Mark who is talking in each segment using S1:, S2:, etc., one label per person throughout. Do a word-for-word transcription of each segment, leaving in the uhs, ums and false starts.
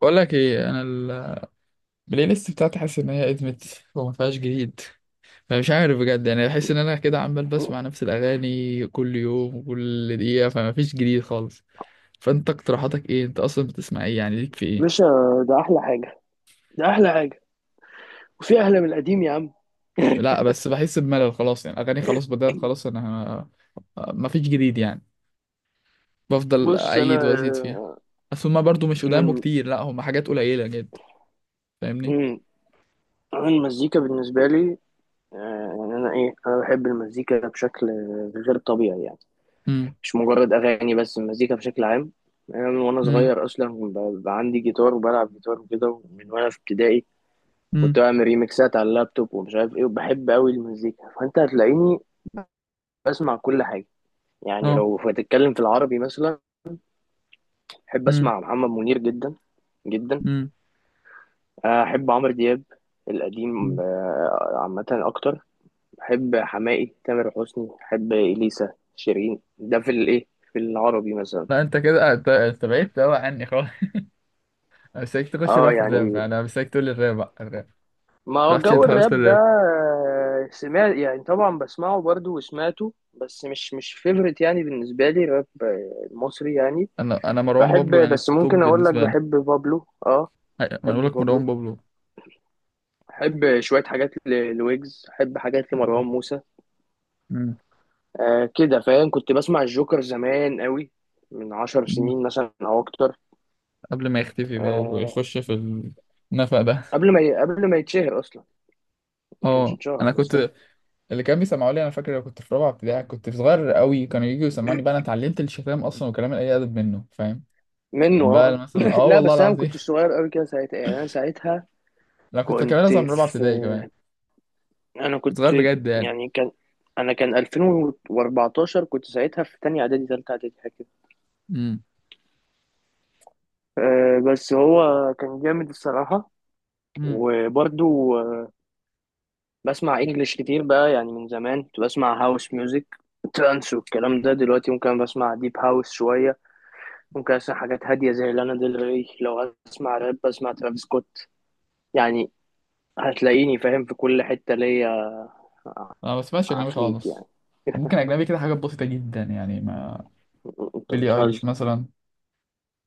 S1: بقول لك ايه. انا ال- البلاي ليست بتاعتي حاسس ان هي ادمت وما فيهاش جديد. فمش عارف بجد، يعني بحس ان انا كده عمال بسمع نفس الاغاني كل يوم وكل دقيقه، فما فيش جديد خالص. فانت اقتراحاتك ايه؟ انت اصلا بتسمع ايه؟ يعني ليك في ايه؟
S2: باشا. ده احلى حاجه. ده احلى حاجه. وفي احلى من القديم يا عم.
S1: لا بس بحس بملل خلاص، يعني اغاني خلاص، بدأت خلاص انا، ما فيش جديد يعني، بفضل
S2: بص انا،
S1: اعيد وازيد فيها.
S2: آه،
S1: اصل هما برضو مش قدامه
S2: من
S1: كتير، لا هما حاجات قليله جدا. فاهمني؟
S2: مم، أنا المزيكا بالنسبه لي. آه، يعني انا ايه انا بحب المزيكا بشكل غير طبيعي يعني.
S1: امم،
S2: مش مجرد اغاني بس المزيكا بشكل عام. انا من وانا
S1: امم،
S2: صغير اصلا ب- بقى عندي جيتار وبلعب جيتار وكده من وانا في ابتدائي. كنت
S1: امم،
S2: بعمل ريميكسات على اللابتوب ومش عارف ايه وبحب قوي المزيكا، فانت هتلاقيني بسمع كل حاجه. يعني
S1: اه،
S2: لو هتتكلم في العربي مثلا، احب
S1: امم،
S2: اسمع محمد منير جدا جدا.
S1: امم،
S2: آه، احب عمرو دياب القديم،
S1: امم.
S2: آه، عامه اكتر. بحب حماقي، تامر حسني، بحب اليسا، شيرين، ده في الايه، في العربي مثلا.
S1: لا انت كده، انت انت بعدت قوي عني خالص. انا مستنيك تخش
S2: اه
S1: بقى في الراب،
S2: يعني
S1: يعني انا مستنيك تقول لي الراب بقى الراب.
S2: ما هو
S1: رحت انت
S2: جو
S1: خالص في
S2: الراب ده،
S1: الراب.
S2: آه، سمعت يعني طبعا بسمعه برضو وسمعته، بس مش مش فيفرت يعني. بالنسبة لي الراب، آه، المصري يعني.
S1: انا انا مروان بابلو
S2: بحب،
S1: يعني
S2: بس
S1: توب
S2: ممكن اقول لك
S1: بالنسبه لي.
S2: بحب بابلو، اه
S1: أي- ما انا
S2: بحب
S1: بقول لك مروان
S2: بابلو.
S1: بابلو.
S2: بحب شوية حاجات ل- لويجز، بحب حاجات لمروان موسى.
S1: مم.
S2: آه كده فاهم. كنت بسمع الجوكر زمان قوي من عشر
S1: مم.
S2: سنين مثلا او اكتر.
S1: قبل ما يختفي بقى
S2: آه
S1: ويخش في النفق ده.
S2: قبل ما ي... قبل ما يتشهر اصلا، ما كانش
S1: اه انا
S2: اتشهر لسه.
S1: كنت، اللي كان بيسمعوا لي انا فاكر لو كنت في رابعه ابتدائي، كنت صغير قوي، كانوا يجوا يسمعني بقى انا اتعلمت الشتام اصلا وكلام اي ادب منه، فاهم؟
S2: منه
S1: كان بقى
S2: اه.
S1: مثلا اه
S2: لا
S1: والله
S2: بس انا ما
S1: العظيم
S2: كنتش صغير قوي كده ساعتها، يعني انا ساعتها
S1: انا كنت كمان
S2: كنت
S1: اصلا من رابعه
S2: في
S1: ابتدائي كمان،
S2: انا
S1: كنت
S2: كنت
S1: صغير بجد يعني.
S2: يعني كان انا كان ألفين وأربعتاشر كنت ساعتها في تانية اعدادي، تالتة اعدادي، حاجه كده. آه بس هو كان جامد الصراحه.
S1: امم.
S2: وبرده بسمع انجلش كتير بقى، يعني من زمان كنت بسمع هاوس ميوزك، ترانس والكلام ده. دلوقتي ممكن بسمع ديب هاوس شوية، ممكن اسمع حاجات هادية زي لانا ديل ري، لو اسمع راب بسمع ترافيس سكوت يعني. هتلاقيني فاهم في كل حتة ليا.
S1: انا ما بسمعش اجنبي
S2: عفريت
S1: خالص.
S2: يعني.
S1: ممكن اجنبي كده حاجات بسيطه جدا يعني، ما
S2: انت
S1: بيلي ايليش
S2: بتهزر.
S1: مثلا،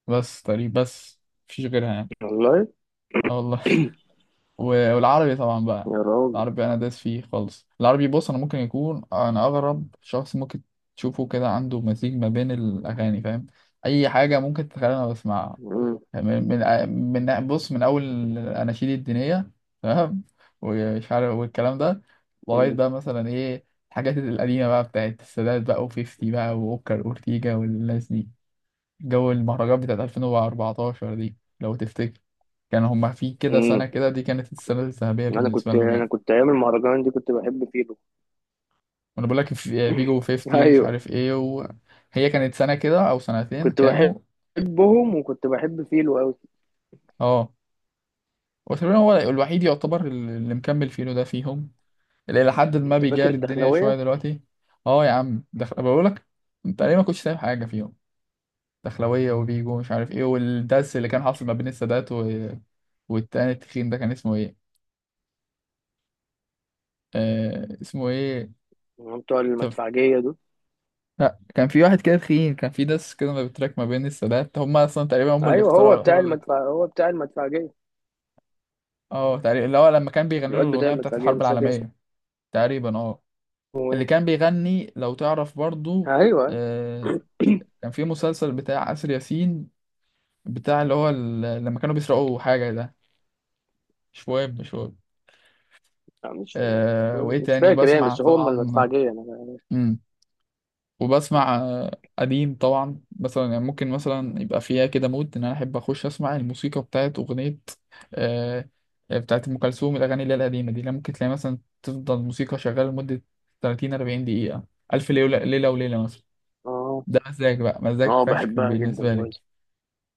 S1: بس تقريبا بس، مفيش غيرها يعني.
S2: والله.
S1: اه والله و- والعربي طبعا بقى،
S2: يا راجل.
S1: العربي انا داس فيه خالص. العربي، بص انا ممكن يكون انا اغرب شخص ممكن تشوفه كده، عنده مزيج ما بين الاغاني، فاهم؟ اي حاجه ممكن تتخيلها انا بسمعها.
S2: مم.
S1: من من من بص، من اول الاناشيد الدينيه، تمام، ومش عارف والكلام ده، لغايه
S2: مم.
S1: بقى مثلا ايه، الحاجات القديمه بقى بتاعت السادات بقى وفيفتي بقى واوكر اورتيجا والناس دي. جو المهرجان بتاعت ألفين وأربعة عشر دي لو تفتكر، كان هما في كده
S2: مم.
S1: سنه كده، دي كانت السنه الذهبيه
S2: انا
S1: بالنسبه
S2: كنت
S1: لهم
S2: انا
S1: يعني.
S2: كنت ايام المهرجان دي كنت بحب فيلو.
S1: وانا بقول لك في- فيجو وفيفتي ومش
S2: ايوه
S1: عارف ايه، وهي كانت سنه كده او سنتين
S2: كنت
S1: كانوا.
S2: بحبهم، وكنت بحب فيلو قوي.
S1: اه وتقريبا هو الوحيد يعتبر اللي مكمل فيه ده فيهم، اللي الى حد ما
S2: انت فاكر
S1: بيجاري الدنيا شويه
S2: الدخلاوية؟
S1: دلوقتي. اه يا عم دخل بقول لك، انت ليه ما كنتش سايب حاجه فيهم؟ دخلويه وبيجو ومش عارف ايه، والدس اللي كان حاصل ما بين السادات و... والتاني التخين ده كان اسمه ايه؟ آه اسمه ايه؟
S2: بتوع
S1: طب
S2: المدفعجية دول.
S1: لا، كان في واحد كده تخين، كان في دس كده ما بتراك ما بين السادات، هم اصلا تقريبا هم اللي
S2: ايوه،
S1: اخترعوا
S2: هو بتاع
S1: الحوار ده.
S2: المدفع، هو بتاع المدفعجيه.
S1: اه تقريبا اللي هو لما كان بيغني له
S2: الواد بتاع
S1: الاغنيه بتاعت
S2: المدفعجيه
S1: الحرب
S2: مش فاكر اسمه
S1: العالميه. تقريبا اه اللي
S2: ايه.
S1: كان بيغني، لو تعرف برضو.
S2: ايوه، أيوة.
S1: آه كان في مسلسل بتاع آسر ياسين، بتاع اللي هو ال- لما كانوا بيسرقوا حاجة ده، شواب شواب.
S2: مش
S1: آه
S2: مم،
S1: وإيه
S2: مش
S1: تاني؟
S2: فاكر يعني،
S1: وبسمع
S2: بس هو من
S1: طبعا.
S2: المدفعجيه انا فاكر.
S1: مم. وبسمع آه، قديم طبعا، مثلا يعني ممكن مثلا يبقى فيها كده مود إن أنا أحب أخش أسمع الموسيقى بتاعت أغنية، آه بتاعت أم كلثوم، الأغاني اللي هي القديمة دي، اللي ممكن تلاقي مثلا تفضل موسيقى شغالة لمدة تلاتين اربعين دقيقة. ألف ليلة ليلة وليلة مثلا.
S2: اه
S1: ده مزاج بقى، مزاج
S2: اه،
S1: فشخ
S2: بحبها جدا
S1: بالنسبة لي،
S2: بويز.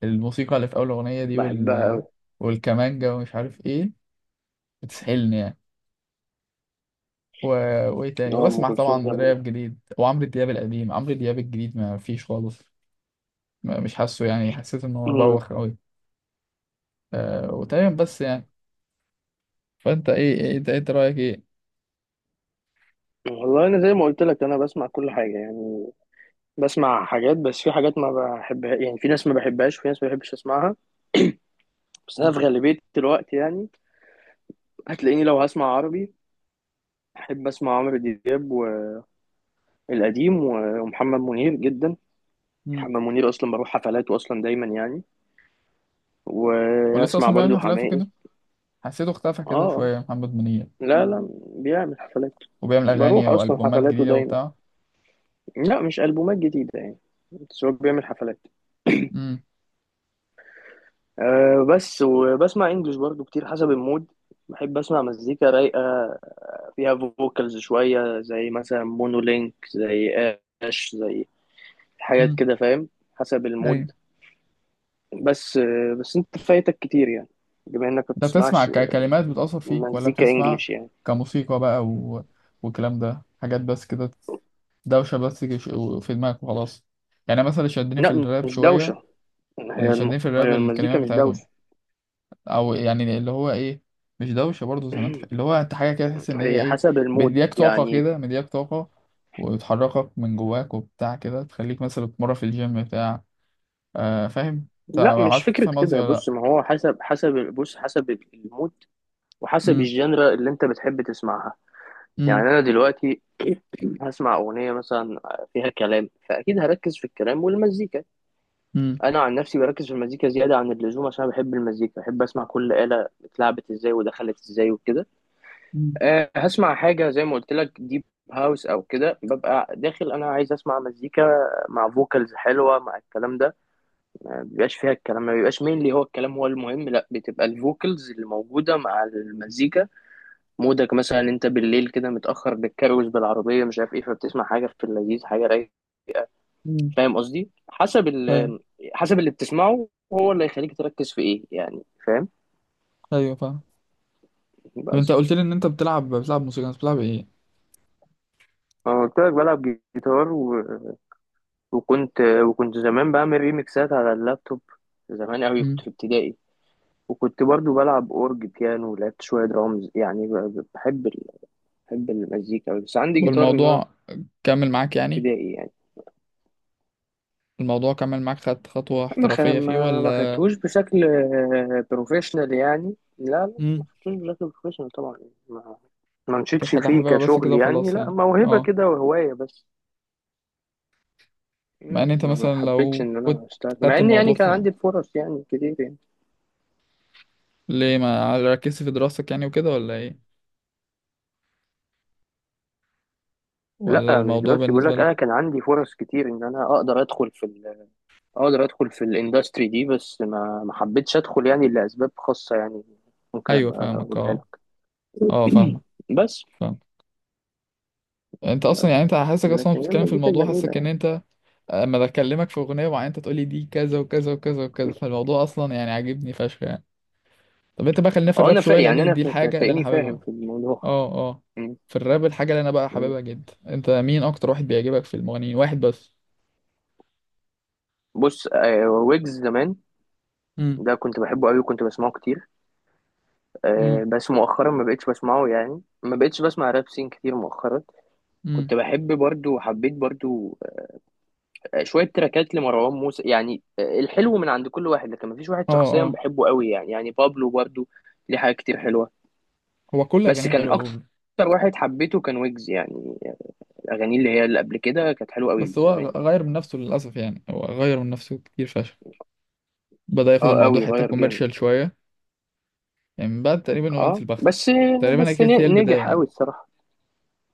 S1: الموسيقى اللي في أول أغنية دي،
S2: بحبها
S1: وال...
S2: قوي.
S1: والكمانجة ومش عارف إيه، بتسحلني و... وايه تاني؟
S2: اه، ام
S1: واسمع
S2: كلثوم
S1: طبعا
S2: جميله.
S1: راب جديد، وعمرو دياب القديم، عمرو دياب الجديد ما فيش خالص، ما مش حاسه يعني، حسيت ان هو
S2: مم.
S1: بوخ قوي. آه وتمام بس يعني. فانت ايه ايه انت، إنت رايك ايه؟
S2: والله انا زي ما قلت لك انا بسمع كل حاجه يعني. بسمع حاجات، بس في حاجات ما بحبها يعني، في ناس ما بحبهاش، وفي ناس ما بحبش اسمعها. بس انا في غالبيه الوقت يعني هتلاقيني لو هسمع عربي احب اسمع عمرو دياب والقديم، ومحمد منير جدا.
S1: مم.
S2: محمد منير اصلا بروح حفلاته اصلا دايما يعني،
S1: ولسه
S2: واسمع
S1: اصلا بيعمل
S2: برضو
S1: حفلات
S2: حماقي.
S1: وكده؟ حسيته اختفى كده
S2: اه،
S1: شويه محمد منير.
S2: لا لا، بيعمل حفلات،
S1: وبيعمل اغاني
S2: بروح اصلا
S1: والبومات
S2: حفلاته
S1: جديده
S2: دايما.
S1: وبتاع؟
S2: لا مش البومات جديده يعني، بس هو بيعمل حفلات.
S1: امم.
S2: أه بس. وبسمع انجلش برضو كتير حسب المود. بحب اسمع مزيكا رايقه فيها فوكالز شويه، زي مثلا مونولينك، زي اش، زي حاجات
S1: مم.
S2: كده فاهم. حسب
S1: ايوه.
S2: المود. بس، بس انت فايتك كتير يعني، بما انك ما
S1: انت بتسمع
S2: بتسمعش آه،
S1: ككلمات بتأثر فيك، ولا
S2: مزيكا
S1: بتسمع
S2: انجليش يعني.
S1: كموسيقى بقى و... والكلام ده حاجات بس كده، دوشة بس كش- في دماغك وخلاص؟ يعني مثلا اللي شدني في
S2: لا
S1: الراب
S2: مش
S1: شوية،
S2: دوشة،
S1: اللي
S2: هي الم-
S1: شدني في
S2: هي
S1: الراب
S2: المزيكا
S1: الكلمات
S2: مش
S1: بتاعتهم،
S2: دوشة.
S1: أو يعني اللي هو إيه، مش دوشة برضه زي ما أنت فاهم. اللي هو أنت حاجة كده تحس إن هي
S2: هي
S1: إيه،
S2: حسب المود
S1: مدياك طاقة
S2: يعني.
S1: كده، مدياك طاقة، وتحركك من جواك وبتاع كده، تخليك مثلا تتمرن في الجيم بتاع آه فاهم؟ أنت
S2: لا مش
S1: عارف، أنت
S2: فكرة
S1: فاهم قصدي
S2: كده،
S1: ولا لأ؟
S2: بص ما هو حسب، حسب بص حسب المود وحسب
S1: امم،
S2: الجنرا اللي انت بتحب تسمعها. يعني
S1: امم،
S2: انا دلوقتي هسمع اغنية مثلا فيها كلام، فاكيد هركز في الكلام والمزيكا.
S1: امم،
S2: انا عن نفسي بركز في المزيكا زيادة عن اللزوم، عشان بحب المزيكا، بحب اسمع كل آلة اتلعبت ازاي ودخلت ازاي وكده.
S1: امم،
S2: أه هسمع حاجة زي ما قلت لك، ديب هاوس أو كده، ببقى داخل أنا عايز أسمع مزيكا مع فوكالز حلوة، مع الكلام ده. ما بيبقاش فيها الكلام، ما بيبقاش مين هو الكلام هو المهم، لا، بتبقى الفوكالز اللي موجودة مع المزيكا. مودك مثلا أنت بالليل كده متأخر بتكروز بالعربية مش عارف إيه، فبتسمع حاجة في اللذيذ، حاجة رايقة.
S1: امم.
S2: فاهم قصدي، حسب،
S1: أيوه.
S2: ال حسب اللي بتسمعه هو اللي هيخليك تركز في إيه يعني، فاهم.
S1: أيوه فاهم. طب
S2: بس.
S1: أنت قلت لي إن أنت بتلعب بتلعب موسيقى، أنت بتلعب إيه؟
S2: أنا قلت لك بلعب جيتار. وكنت وكنت زمان بعمل ريميكسات على اللابتوب، زمان قوي كنت
S1: امم.
S2: في ابتدائي. وكنت برضو بلعب اورج بيانو، ولعبت شوية درامز يعني. ب- ب- بحب ال... بحب المزيكا أوي، بس عندي جيتار من وأنا
S1: والموضوع كمل معاك يعني؟
S2: ابتدائي يعني.
S1: الموضوع كمل معاك، خدت خطوة
S2: ما خ...
S1: احترافية فيه
S2: ما ما
S1: ولا؟
S2: خدتوش بشكل آه، بروفيشنال يعني، لا لا، ما
S1: امم.
S2: خدتوش بشكل بروفيشنال طبعا. ما ما
S1: كانت
S2: مشيتش
S1: حاجة
S2: فيه
S1: حاببها بس كده
S2: كشغل يعني،
S1: وخلاص
S2: لا
S1: يعني.
S2: موهبة
S1: اه.
S2: كده وهواية بس.
S1: مع ان انت
S2: مم، ما
S1: مثلا
S2: حبيتش
S1: لو
S2: ان
S1: كنت
S2: انا اشتغل، مع
S1: خدت
S2: ان
S1: الموضوع
S2: يعني
S1: في،
S2: كان عندي فرص يعني كتير يعني.
S1: ليه ما ركزت في دراستك يعني وكده، ولا ايه؟ ولا
S2: لا مش
S1: الموضوع
S2: دراستي، بيقول
S1: بالنسبة
S2: لك
S1: لك.
S2: انا كان عندي فرص كتير ان انا اقدر ادخل في ال... اقدر ادخل في الاندستري دي، بس ما ما حبيتش ادخل يعني لاسباب خاصه يعني، ممكن
S1: ايوه
S2: ابقى
S1: فاهمك،
S2: اقولها
S1: اه
S2: لك.
S1: اه فاهمك.
S2: بس.
S1: فاهم. انت اصلا يعني
S2: بس
S1: انت حاسسك اصلا
S2: لكن هي
S1: بتتكلم في
S2: مزيكا
S1: الموضوع،
S2: جميله
S1: حاسسك ان
S2: يعني.
S1: انت اما بكلمك في اغنية معينة انت تقولي دي كذا وكذا وكذا وكذا، فالموضوع اصلا يعني عاجبني فشخ يعني. طب انت بقى خلينا في
S2: اه
S1: الراب
S2: انا فا...
S1: شوية،
S2: يعني
S1: لان
S2: انا
S1: دي
S2: فا...
S1: الحاجة اللي انا
S2: هتلاقيني فاهم
S1: حاببها.
S2: في الموضوع.
S1: اه اه.
S2: م-
S1: في الراب الحاجة اللي انا بقى
S2: م.
S1: حاببها جدا، انت مين اكتر واحد بيعجبك في المغنيين؟ واحد بس.
S2: بص آه، ويجز زمان
S1: امم،
S2: ده كنت بحبه قوي وكنت بسمعه كتير.
S1: امم،
S2: آه، بس مؤخرا ما بقتش بسمعه يعني، ما بقتش بسمع راب سين كتير مؤخرا.
S1: امم.
S2: كنت بحب برضو وحبيت برضو شويه تراكات لمروان موسى يعني. آه، الحلو من عند كل واحد، لكن مفيش واحد
S1: اه
S2: شخصيا
S1: اه.
S2: بحبه قوي يعني، يعني بابلو برضه ليه حاجات كتير حلوه.
S1: هو كل
S2: بس
S1: اغانيه
S2: كان
S1: حلوه
S2: اكتر
S1: بوبلو.
S2: واحد حبيته كان ويجز يعني، اغانيه اللي هي اللي قبل كده كانت حلوه قوي
S1: بس هو
S2: زمان يعني.
S1: غير من نفسه للاسف يعني، هو غير من نفسه كتير فشخ، بدأ ياخد
S2: اه
S1: الموضوع
S2: قوي،
S1: حته
S2: غير جامد.
S1: كوميرشال شويه، يعني من بعد تقريبا اغنيه
S2: اه،
S1: البخت،
S2: بس
S1: تقريبا هي
S2: بس
S1: كانت هي
S2: ن-
S1: البدايه
S2: نجح
S1: يعني.
S2: قوي الصراحه.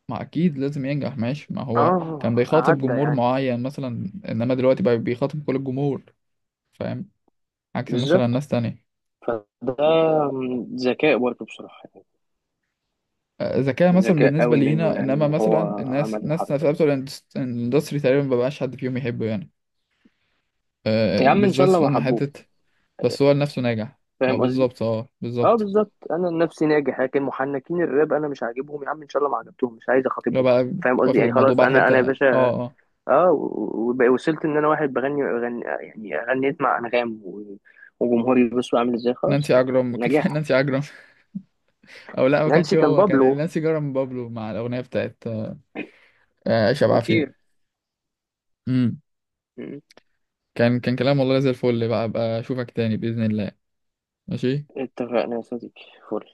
S1: ما اكيد لازم ينجح ماشي، ما هو كان
S2: اه
S1: بيخاطب
S2: عدى
S1: جمهور
S2: يعني.
S1: معين مثلا، انما دلوقتي بقى بيخاطب كل الجمهور، فاهم؟ عكس مثلا
S2: بالظبط.
S1: ناس تانية.
S2: فده ذكاء برضه بصراحه يعني،
S1: ذكاء مثلا
S2: ذكاء
S1: بالنسبة
S2: قوي منه
S1: لينا،
S2: يعني
S1: إنما
S2: ان
S1: مثلا
S2: هو
S1: الناس،
S2: عمل
S1: ناس
S2: الحركه
S1: نفسها
S2: دي.
S1: بتوع الاندس- الاندستري تقريبا مبقاش حد فيهم يحبه يعني. آه،
S2: يا عم ان شاء
S1: بالذات
S2: الله ما
S1: لما
S2: حبوه،
S1: حتة. بس هو لنفسه ناجح. ما
S2: فاهم قصدي.
S1: بالظبط، اه
S2: اه
S1: بالظبط.
S2: بالظبط، انا نفسي ناجح، لكن محنكين الراب انا مش عاجبهم. يا عم ان شاء الله ما عجبتهم، مش عايز
S1: لو
S2: اخاطبهم اصلا،
S1: بقى
S2: فاهم قصدي
S1: واخد
S2: يعني.
S1: الموضوع
S2: خلاص
S1: بقى
S2: انا انا يا
S1: الحتة، اه
S2: باشا.
S1: اه.
S2: اه و- و- وصلت ان انا واحد بغني غني يعني، غنيت مع انغام و- وجمهوري بصوا عامل ازاي خلاص.
S1: نانسي عجرم كيف
S2: نجاح.
S1: نانسي عجرم؟ أو لا ما كانش
S2: نانسي كان
S1: هو، كان
S2: بابلو
S1: نانسي عجرم بابلو مع الأغنية بتاعت آه، عيشة بعافية.
S2: خطير.
S1: أمم.
S2: م.
S1: كان كان كلام والله زي الفل بقى. بقى أشوفك تاني بإذن الله. ماشي.
S2: اتفقنا يا صديقي. فل.